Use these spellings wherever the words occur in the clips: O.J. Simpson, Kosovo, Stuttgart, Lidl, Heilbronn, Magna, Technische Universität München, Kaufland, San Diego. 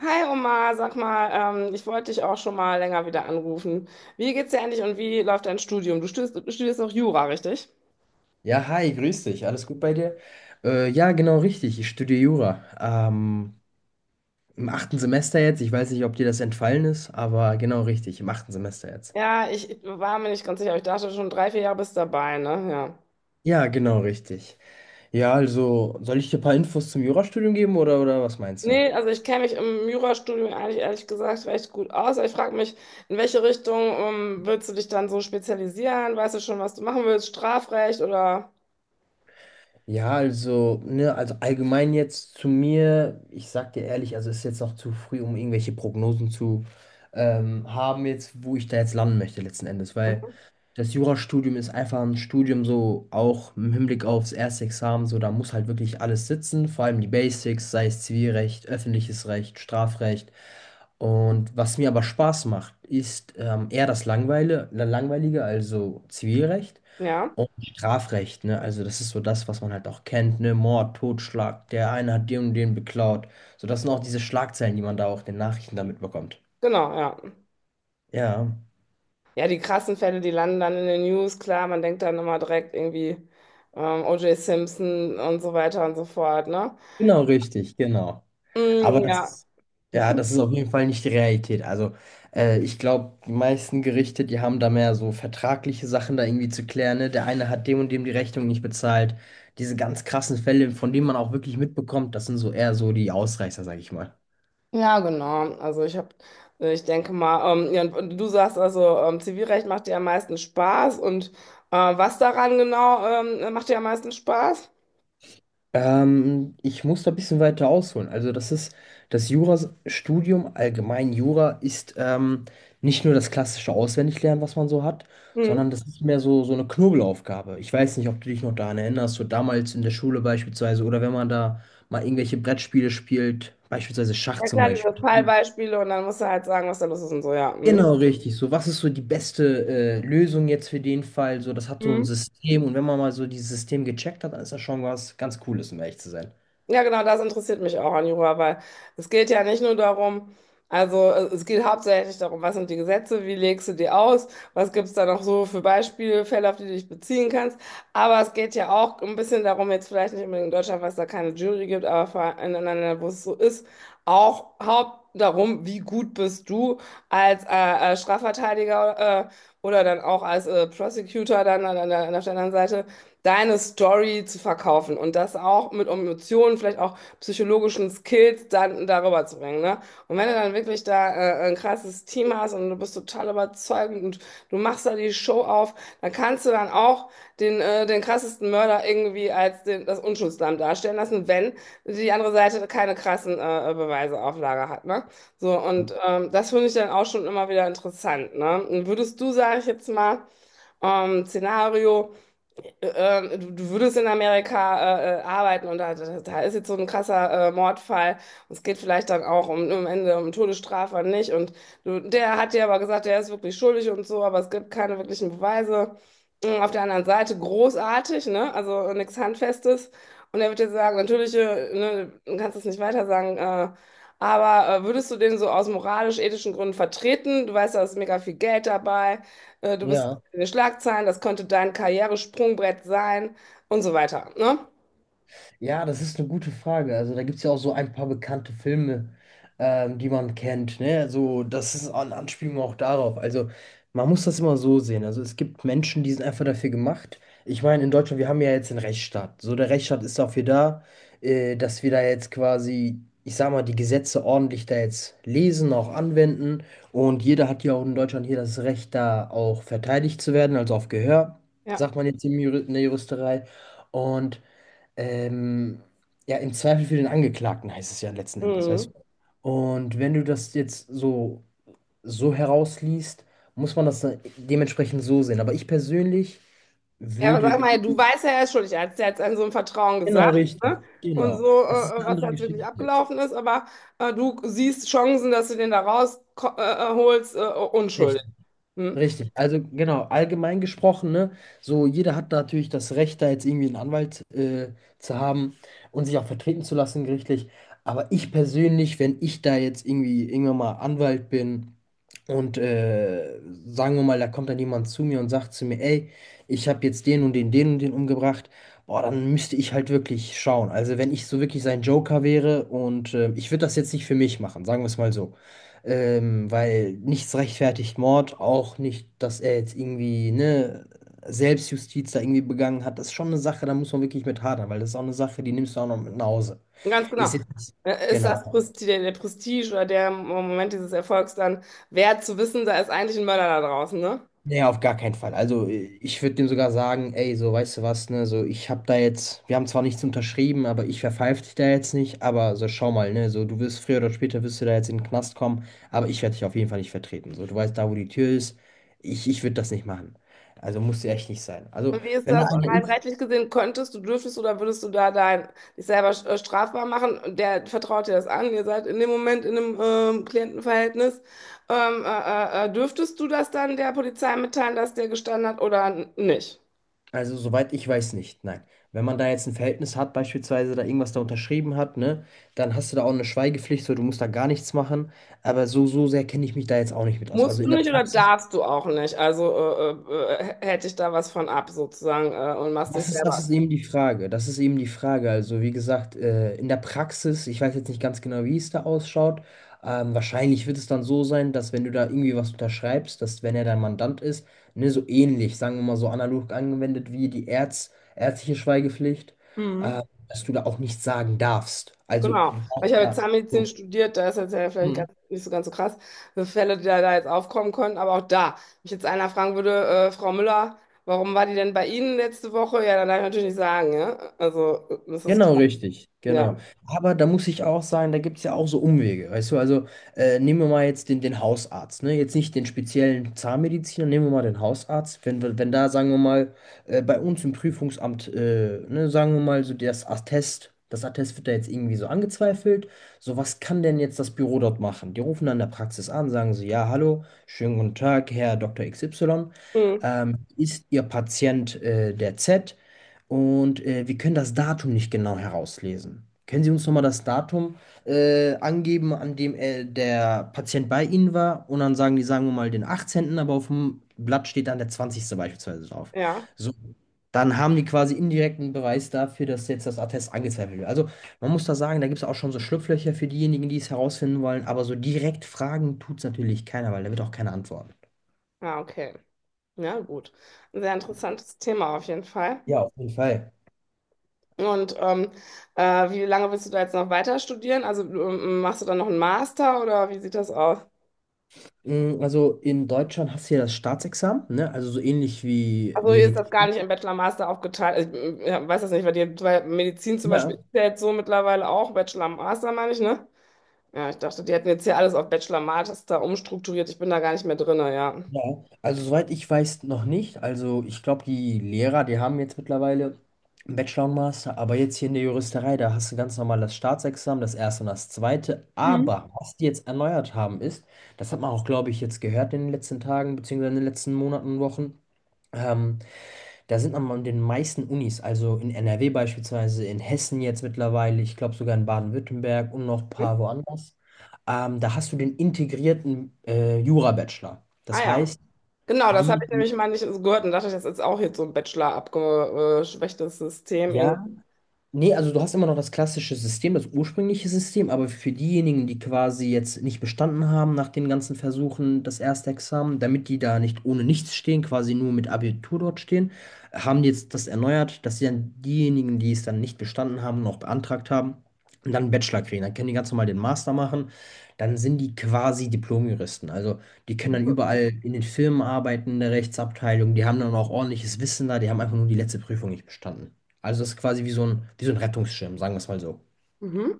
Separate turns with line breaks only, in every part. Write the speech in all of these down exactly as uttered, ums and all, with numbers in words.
Hi Omar, sag mal, ähm, ich wollte dich auch schon mal länger wieder anrufen. Wie geht's dir eigentlich und wie läuft dein Studium? Du studierst, du studierst auch Jura, richtig?
Ja, hi, grüß dich. Alles gut bei dir? Äh, ja, genau richtig. Ich studiere Jura. Ähm, Im achten Semester jetzt. Ich weiß nicht, ob dir das entfallen ist, aber genau richtig. Im achten Semester jetzt.
Ja, ich war mir nicht ganz sicher, aber ich dachte schon drei, vier Jahre bist dabei, ne? Ja.
Ja, genau richtig. Ja, also soll ich dir ein paar Infos zum Jurastudium geben oder, oder was meinst du?
Nee, also ich kenne mich im Jurastudium eigentlich ehrlich gesagt recht gut aus. Ich frage mich, in welche Richtung ähm, willst du dich dann so spezialisieren? Weißt du schon, was du machen willst? Strafrecht oder?
Ja, also, ne, also allgemein jetzt zu mir, ich sag dir ehrlich, also es ist jetzt noch zu früh, um irgendwelche Prognosen zu ähm, haben, jetzt, wo ich da jetzt landen möchte letzten Endes, weil
Mhm.
das Jurastudium ist einfach ein Studium so auch im Hinblick aufs erste Examen, so da muss halt wirklich alles sitzen, vor allem die Basics, sei es Zivilrecht, öffentliches Recht, Strafrecht. Und was mir aber Spaß macht, ist ähm, eher das Langweile, Langweilige, also Zivilrecht.
Ja,
Und Strafrecht, ne? Also das ist so das, was man halt auch kennt, ne? Mord, Totschlag, der eine hat den und den beklaut. So, das sind auch diese Schlagzeilen, die man da auch in den Nachrichten damit bekommt.
genau, ja.
Ja,
Ja, die krassen Fälle, die landen dann in den News, klar, man denkt dann immer direkt irgendwie ähm, O J. Simpson und so weiter und so fort, ne?
genau richtig, genau. Aber
Mm,
das
ja,
ist, ja, das ist auf jeden Fall nicht die Realität. Also äh, ich glaube, die meisten Gerichte, die haben da mehr so vertragliche Sachen da irgendwie zu klären, ne? Der eine hat dem und dem die Rechnung nicht bezahlt. Diese ganz krassen Fälle, von denen man auch wirklich mitbekommt, das sind so eher so die Ausreißer, sag ich mal.
ja, genau. Also ich habe, ich denke mal, ähm, ja, und und du sagst also, ähm, Zivilrecht macht dir am meisten Spaß und äh, was daran genau ähm, macht dir am meisten Spaß?
Ähm, ich muss da ein bisschen weiter ausholen. Also das ist das Jurastudium, allgemein Jura, ist ähm, nicht nur das klassische Auswendiglernen, was man so hat,
Hm.
sondern das ist mehr so, so eine Knobelaufgabe. Ich weiß nicht, ob du dich noch daran erinnerst, so damals in der Schule beispielsweise oder wenn man da mal irgendwelche Brettspiele spielt, beispielsweise Schach
Ja
zum
klar, diese
Beispiel.
Fallbeispiele und dann musst du halt sagen, was da los ist und so, ja. Hm.
Genau, richtig. So, was ist so die beste äh, Lösung jetzt für den Fall? So, das hat so ein
Hm.
System und wenn man mal so dieses System gecheckt hat, dann ist das schon was ganz Cooles, um ehrlich zu sein.
Ja, genau, das interessiert mich auch an Jura, weil es geht ja nicht nur darum, also äh, es geht hauptsächlich darum, was sind die Gesetze, wie legst du die aus, was gibt es da noch so für Beispiele, Fälle, auf die du dich beziehen kannst. Aber es geht ja auch ein bisschen darum, jetzt vielleicht nicht unbedingt in Deutschland, was da keine Jury gibt, aber vor allem in anderen Ländern, wo es so ist, auch haupt darum, wie gut bist du als äh, äh, Strafverteidiger äh, oder dann auch als äh, Prosecutor dann an, an, der- an der anderen Seite deine Story zu verkaufen und das auch mit Emotionen, vielleicht auch psychologischen Skills dann darüber zu bringen, ne? Und wenn du dann wirklich da äh, ein krasses Team hast und du bist total überzeugend und du machst da die Show auf, dann kannst du dann auch den, äh, den krassesten Mörder irgendwie als den, das Unschuldslamm darstellen lassen, wenn die andere Seite keine krassen äh, Beweise auf Lager hat, ne? So, und ähm, das finde ich dann auch schon immer wieder interessant, ne? Und würdest du, sage ich jetzt mal, ähm, Szenario äh, äh, du, du würdest in Amerika äh, äh, arbeiten und da, da, da ist jetzt so ein krasser äh, Mordfall. Und es geht vielleicht dann auch um, am Ende um Todesstrafe und nicht. Und du, der hat dir aber gesagt, der ist wirklich schuldig und so, aber es gibt keine wirklichen Beweise. Und auf der anderen Seite großartig, ne? Also nichts Handfestes. Und er wird dir sagen, natürlich, äh, ne, du kannst es nicht weiter sagen, äh, aber äh, würdest du den so aus moralisch-ethischen Gründen vertreten? Du weißt, da ist mega viel Geld dabei. Äh, Du bist
Ja.
in den Schlagzeilen, das könnte dein Karrieresprungbrett sein und so weiter. Ne?
Ja, das ist eine gute Frage. Also da gibt es ja auch so ein paar bekannte Filme, ähm, die man kennt. Ne? Also das ist eine Anspielung auch darauf. Also man muss das immer so sehen. Also es gibt Menschen, die sind einfach dafür gemacht. Ich meine, in Deutschland, wir haben ja jetzt den Rechtsstaat. So, der Rechtsstaat ist dafür da, äh, dass wir da jetzt quasi, ich sag mal, die Gesetze ordentlich da jetzt lesen, auch anwenden. Und jeder hat ja auch in Deutschland hier das Recht, da auch verteidigt zu werden, also auf Gehör,
Ja.
sagt man jetzt im Juri- in der Juristerei. Und ähm, ja, im Zweifel für den Angeklagten heißt es ja letzten Endes, weißt
Mhm.
du. Und wenn du das jetzt so, so herausliest, muss man das dann dementsprechend so sehen. Aber ich persönlich
Ja, aber
würde,
sag
glaub-
mal, du weißt ja, er ist schuldig. Er hat es ja jetzt an so einem Vertrauen
genau
gesagt,
richtig,
ne? Und
genau.
so,
Das ist
äh, äh,
eine
was
andere
jetzt wirklich
Geschichte jetzt.
abgelaufen ist, aber äh, du siehst Chancen, dass du den da rausholst, äh, äh, holst, äh, äh, unschuldig. Hm?
Richtig, also genau, allgemein gesprochen, ne, so jeder hat natürlich das Recht, da jetzt irgendwie einen Anwalt äh, zu haben und sich auch vertreten zu lassen gerichtlich. Aber ich persönlich, wenn ich da jetzt irgendwie irgendwann mal Anwalt bin und äh, sagen wir mal, da kommt dann jemand zu mir und sagt zu mir, ey, ich habe jetzt den und den, den und den umgebracht, boah, dann müsste ich halt wirklich schauen. Also wenn ich so wirklich sein Joker wäre und äh, ich würde das jetzt nicht für mich machen, sagen wir es mal so. Ähm, weil nichts rechtfertigt Mord, auch nicht, dass er jetzt irgendwie, ne, Selbstjustiz da irgendwie begangen hat. Das ist schon eine Sache, da muss man wirklich mit hadern, weil das ist auch eine Sache, die nimmst du auch noch mit nach Hause.
Ganz genau.
Ist jetzt nicht,
Äh, Ist
genau.
das Presti der, der Prestige oder der Moment dieses Erfolgs dann wert zu wissen, da ist eigentlich ein Mörder da draußen, ne?
Nee, auf gar keinen Fall. Also äh, ich würde dem sogar sagen, ey, so weißt du was, ne, so ich hab da jetzt, wir haben zwar nichts unterschrieben, aber ich verpfeif dich da jetzt nicht, aber so schau mal, ne, so du wirst früher oder später wirst du da jetzt in den Knast kommen, aber ich werde dich auf jeden Fall nicht vertreten. So, du weißt da, wo die Tür ist, ich, ich würde das nicht machen. Also muss ja echt nicht sein. Also
Und wie ist
wenn da
das
einer
rein
ist,
rechtlich gesehen? Könntest du, dürftest du oder würdest du da dein, dich selber äh, strafbar machen? Und der vertraut dir das an. Ihr seid in dem Moment in einem ähm, Klientenverhältnis. Ähm, äh, äh, äh, dürftest du das dann der Polizei mitteilen, dass der gestanden hat oder n- nicht?
also, soweit ich weiß nicht, nein. Wenn man da jetzt ein Verhältnis hat, beispielsweise da irgendwas da unterschrieben hat, ne, dann hast du da auch eine Schweigepflicht, so du musst da gar nichts machen. Aber so, so sehr kenne ich mich da jetzt auch nicht mit aus. Also
Musst
in
du
der
nicht oder
Praxis.
darfst du auch nicht? Also äh, äh, äh, hätte ich da was von ab sozusagen äh, und machst dich
Das ist, das ist
selber.
eben die Frage. Das ist eben die Frage. Also, wie gesagt, äh, in der Praxis, ich weiß jetzt nicht ganz genau, wie es da ausschaut. Ähm, wahrscheinlich wird es dann so sein, dass wenn du da irgendwie was unterschreibst, dass wenn er dein Mandant ist, ne, so ähnlich, sagen wir mal so analog angewendet wie die Ärz, ärztliche Schweigepflicht,
Mhm.
äh, dass du da auch nichts sagen darfst. Also, du
Genau, weil ich
darfst
habe jetzt
da.
Zahnmedizin studiert, da ist jetzt ja vielleicht
So.
ganz, nicht so ganz so krass, für Fälle, die da, da jetzt aufkommen können, aber auch da, wenn ich jetzt einer fragen würde, äh, Frau Müller, warum war die denn bei Ihnen letzte Woche? Ja, dann darf ich natürlich nicht sagen, ja. Also, äh, das ist
Genau,
krass,
richtig,
ja.
genau. Aber da muss ich auch sagen, da gibt es ja auch so Umwege, weißt du, also äh, nehmen wir mal jetzt den, den Hausarzt, ne? Jetzt nicht den speziellen Zahnmediziner, nehmen wir mal den Hausarzt. Wenn, wir- wenn da, sagen wir mal, äh, bei uns im Prüfungsamt, äh, ne, sagen wir mal, so das Attest, das Attest wird da jetzt irgendwie so angezweifelt. So, was kann denn jetzt das Büro dort machen? Die rufen dann in der Praxis an, sagen so, ja, hallo, schönen guten Tag, Herr Doktor X Y.
Hm,
Ähm, ist Ihr Patient äh, der Z? Und äh, wir können das Datum nicht genau herauslesen. Können Sie uns nochmal das Datum äh, angeben, an dem äh, der Patient bei Ihnen war? Und dann sagen die, sagen wir mal, den achtzehnten., aber auf dem Blatt steht dann der zwanzigste beispielsweise drauf.
ja,
So, dann haben die quasi indirekten Beweis dafür, dass jetzt das Attest angezweifelt wird. Also man muss da sagen, da gibt es auch schon so Schlupflöcher für diejenigen, die es herausfinden wollen, aber so direkt fragen tut es natürlich keiner, weil da wird auch keiner antworten.
ah okay. Ja, gut. Ein sehr interessantes Thema auf jeden Fall.
Ja, auf jeden Fall.
Und ähm, äh, wie lange willst du da jetzt noch weiter studieren? Also, ähm, machst du dann noch einen Master oder wie sieht das aus?
Mm, also in Deutschland hast du ja das Staatsexamen, ne? Also so ähnlich wie
Also hier ist das gar
Medizin.
nicht im Bachelor-Master aufgeteilt. Ich äh, ja, weiß das nicht, weil, die, weil Medizin zum Beispiel
Ja,
ist ja jetzt so mittlerweile auch Bachelor-Master, meine ich, ne? Ja, ich dachte, die hätten jetzt hier alles auf Bachelor-Master umstrukturiert. Ich bin da gar nicht mehr drin, ja.
ja. Also soweit ich weiß, noch nicht. Also ich glaube, die Lehrer, die haben jetzt mittlerweile einen Bachelor und Master, aber jetzt hier in der Juristerei, da hast du ganz normal das Staatsexamen, das erste und das zweite. Aber was die jetzt erneuert haben, ist, das hat man auch, glaube ich, jetzt gehört in den letzten Tagen, beziehungsweise in den letzten Monaten und Wochen, ähm, da sind an den meisten Unis, also in N R W beispielsweise, in Hessen jetzt mittlerweile, ich glaube sogar in Baden-Württemberg und noch ein
Hm?
paar woanders, ähm, da hast du den integrierten äh, Jura-Bachelor.
Ah
Das
ja,
heißt,
genau, das habe
die,
ich nämlich mal nicht so gehört und dachte, das ist auch jetzt so ein Bachelor abgeschwächtes System
ja,
irgendwie.
nee, also du hast immer noch das klassische System, das ursprüngliche System, aber für diejenigen, die quasi jetzt nicht bestanden haben nach den ganzen Versuchen, das erste Examen, damit die da nicht ohne nichts stehen, quasi nur mit Abitur dort stehen, haben die jetzt das erneuert, dass sie dann diejenigen, die es dann nicht bestanden haben und auch beantragt haben, dann einen Bachelor kriegen. Dann können die ganz normal den Master machen, dann sind die quasi Diplom-Juristen. Also die können dann überall in den Firmen arbeiten, in der Rechtsabteilung, die haben dann auch ordentliches Wissen da, die haben einfach nur die letzte Prüfung nicht bestanden. Also das ist quasi wie so ein, wie so ein Rettungsschirm, sagen wir es mal so.
Mhm.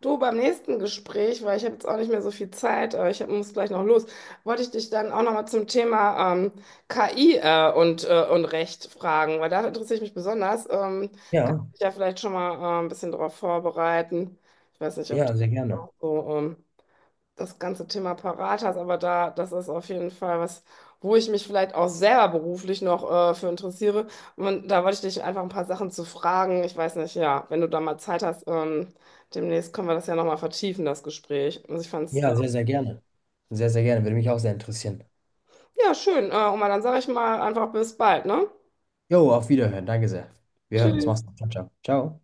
Du, beim nächsten Gespräch, weil ich habe jetzt auch nicht mehr so viel Zeit, äh, ich hab, muss gleich noch los, wollte ich dich dann auch nochmal zum Thema ähm, K I äh, und, äh, und Recht fragen, weil da interessiere ich mich besonders. Ähm, kann
Ja,
ich mich ja vielleicht schon mal äh, ein bisschen darauf vorbereiten. Ich weiß nicht, ob das
ja, sehr gerne.
auch so ähm, das ganze Thema parat hast, aber da, das ist auf jeden Fall was, wo ich mich vielleicht auch selber beruflich noch äh, für interessiere. Und da wollte ich dich einfach ein paar Sachen zu fragen. Ich weiß nicht, ja, wenn du da mal Zeit hast, ähm, demnächst können wir das ja nochmal vertiefen, das Gespräch. Also ich fand's, äh,
Ja, sehr, sehr gerne. Sehr, sehr gerne. Würde mich auch sehr interessieren.
ja, schön. Äh, und mal dann sage ich mal einfach bis bald, ne?
Jo, auf Wiederhören. Danke sehr. Wir hören uns.
Tschüss.
Mach's gut. Ciao, ciao. Ciao.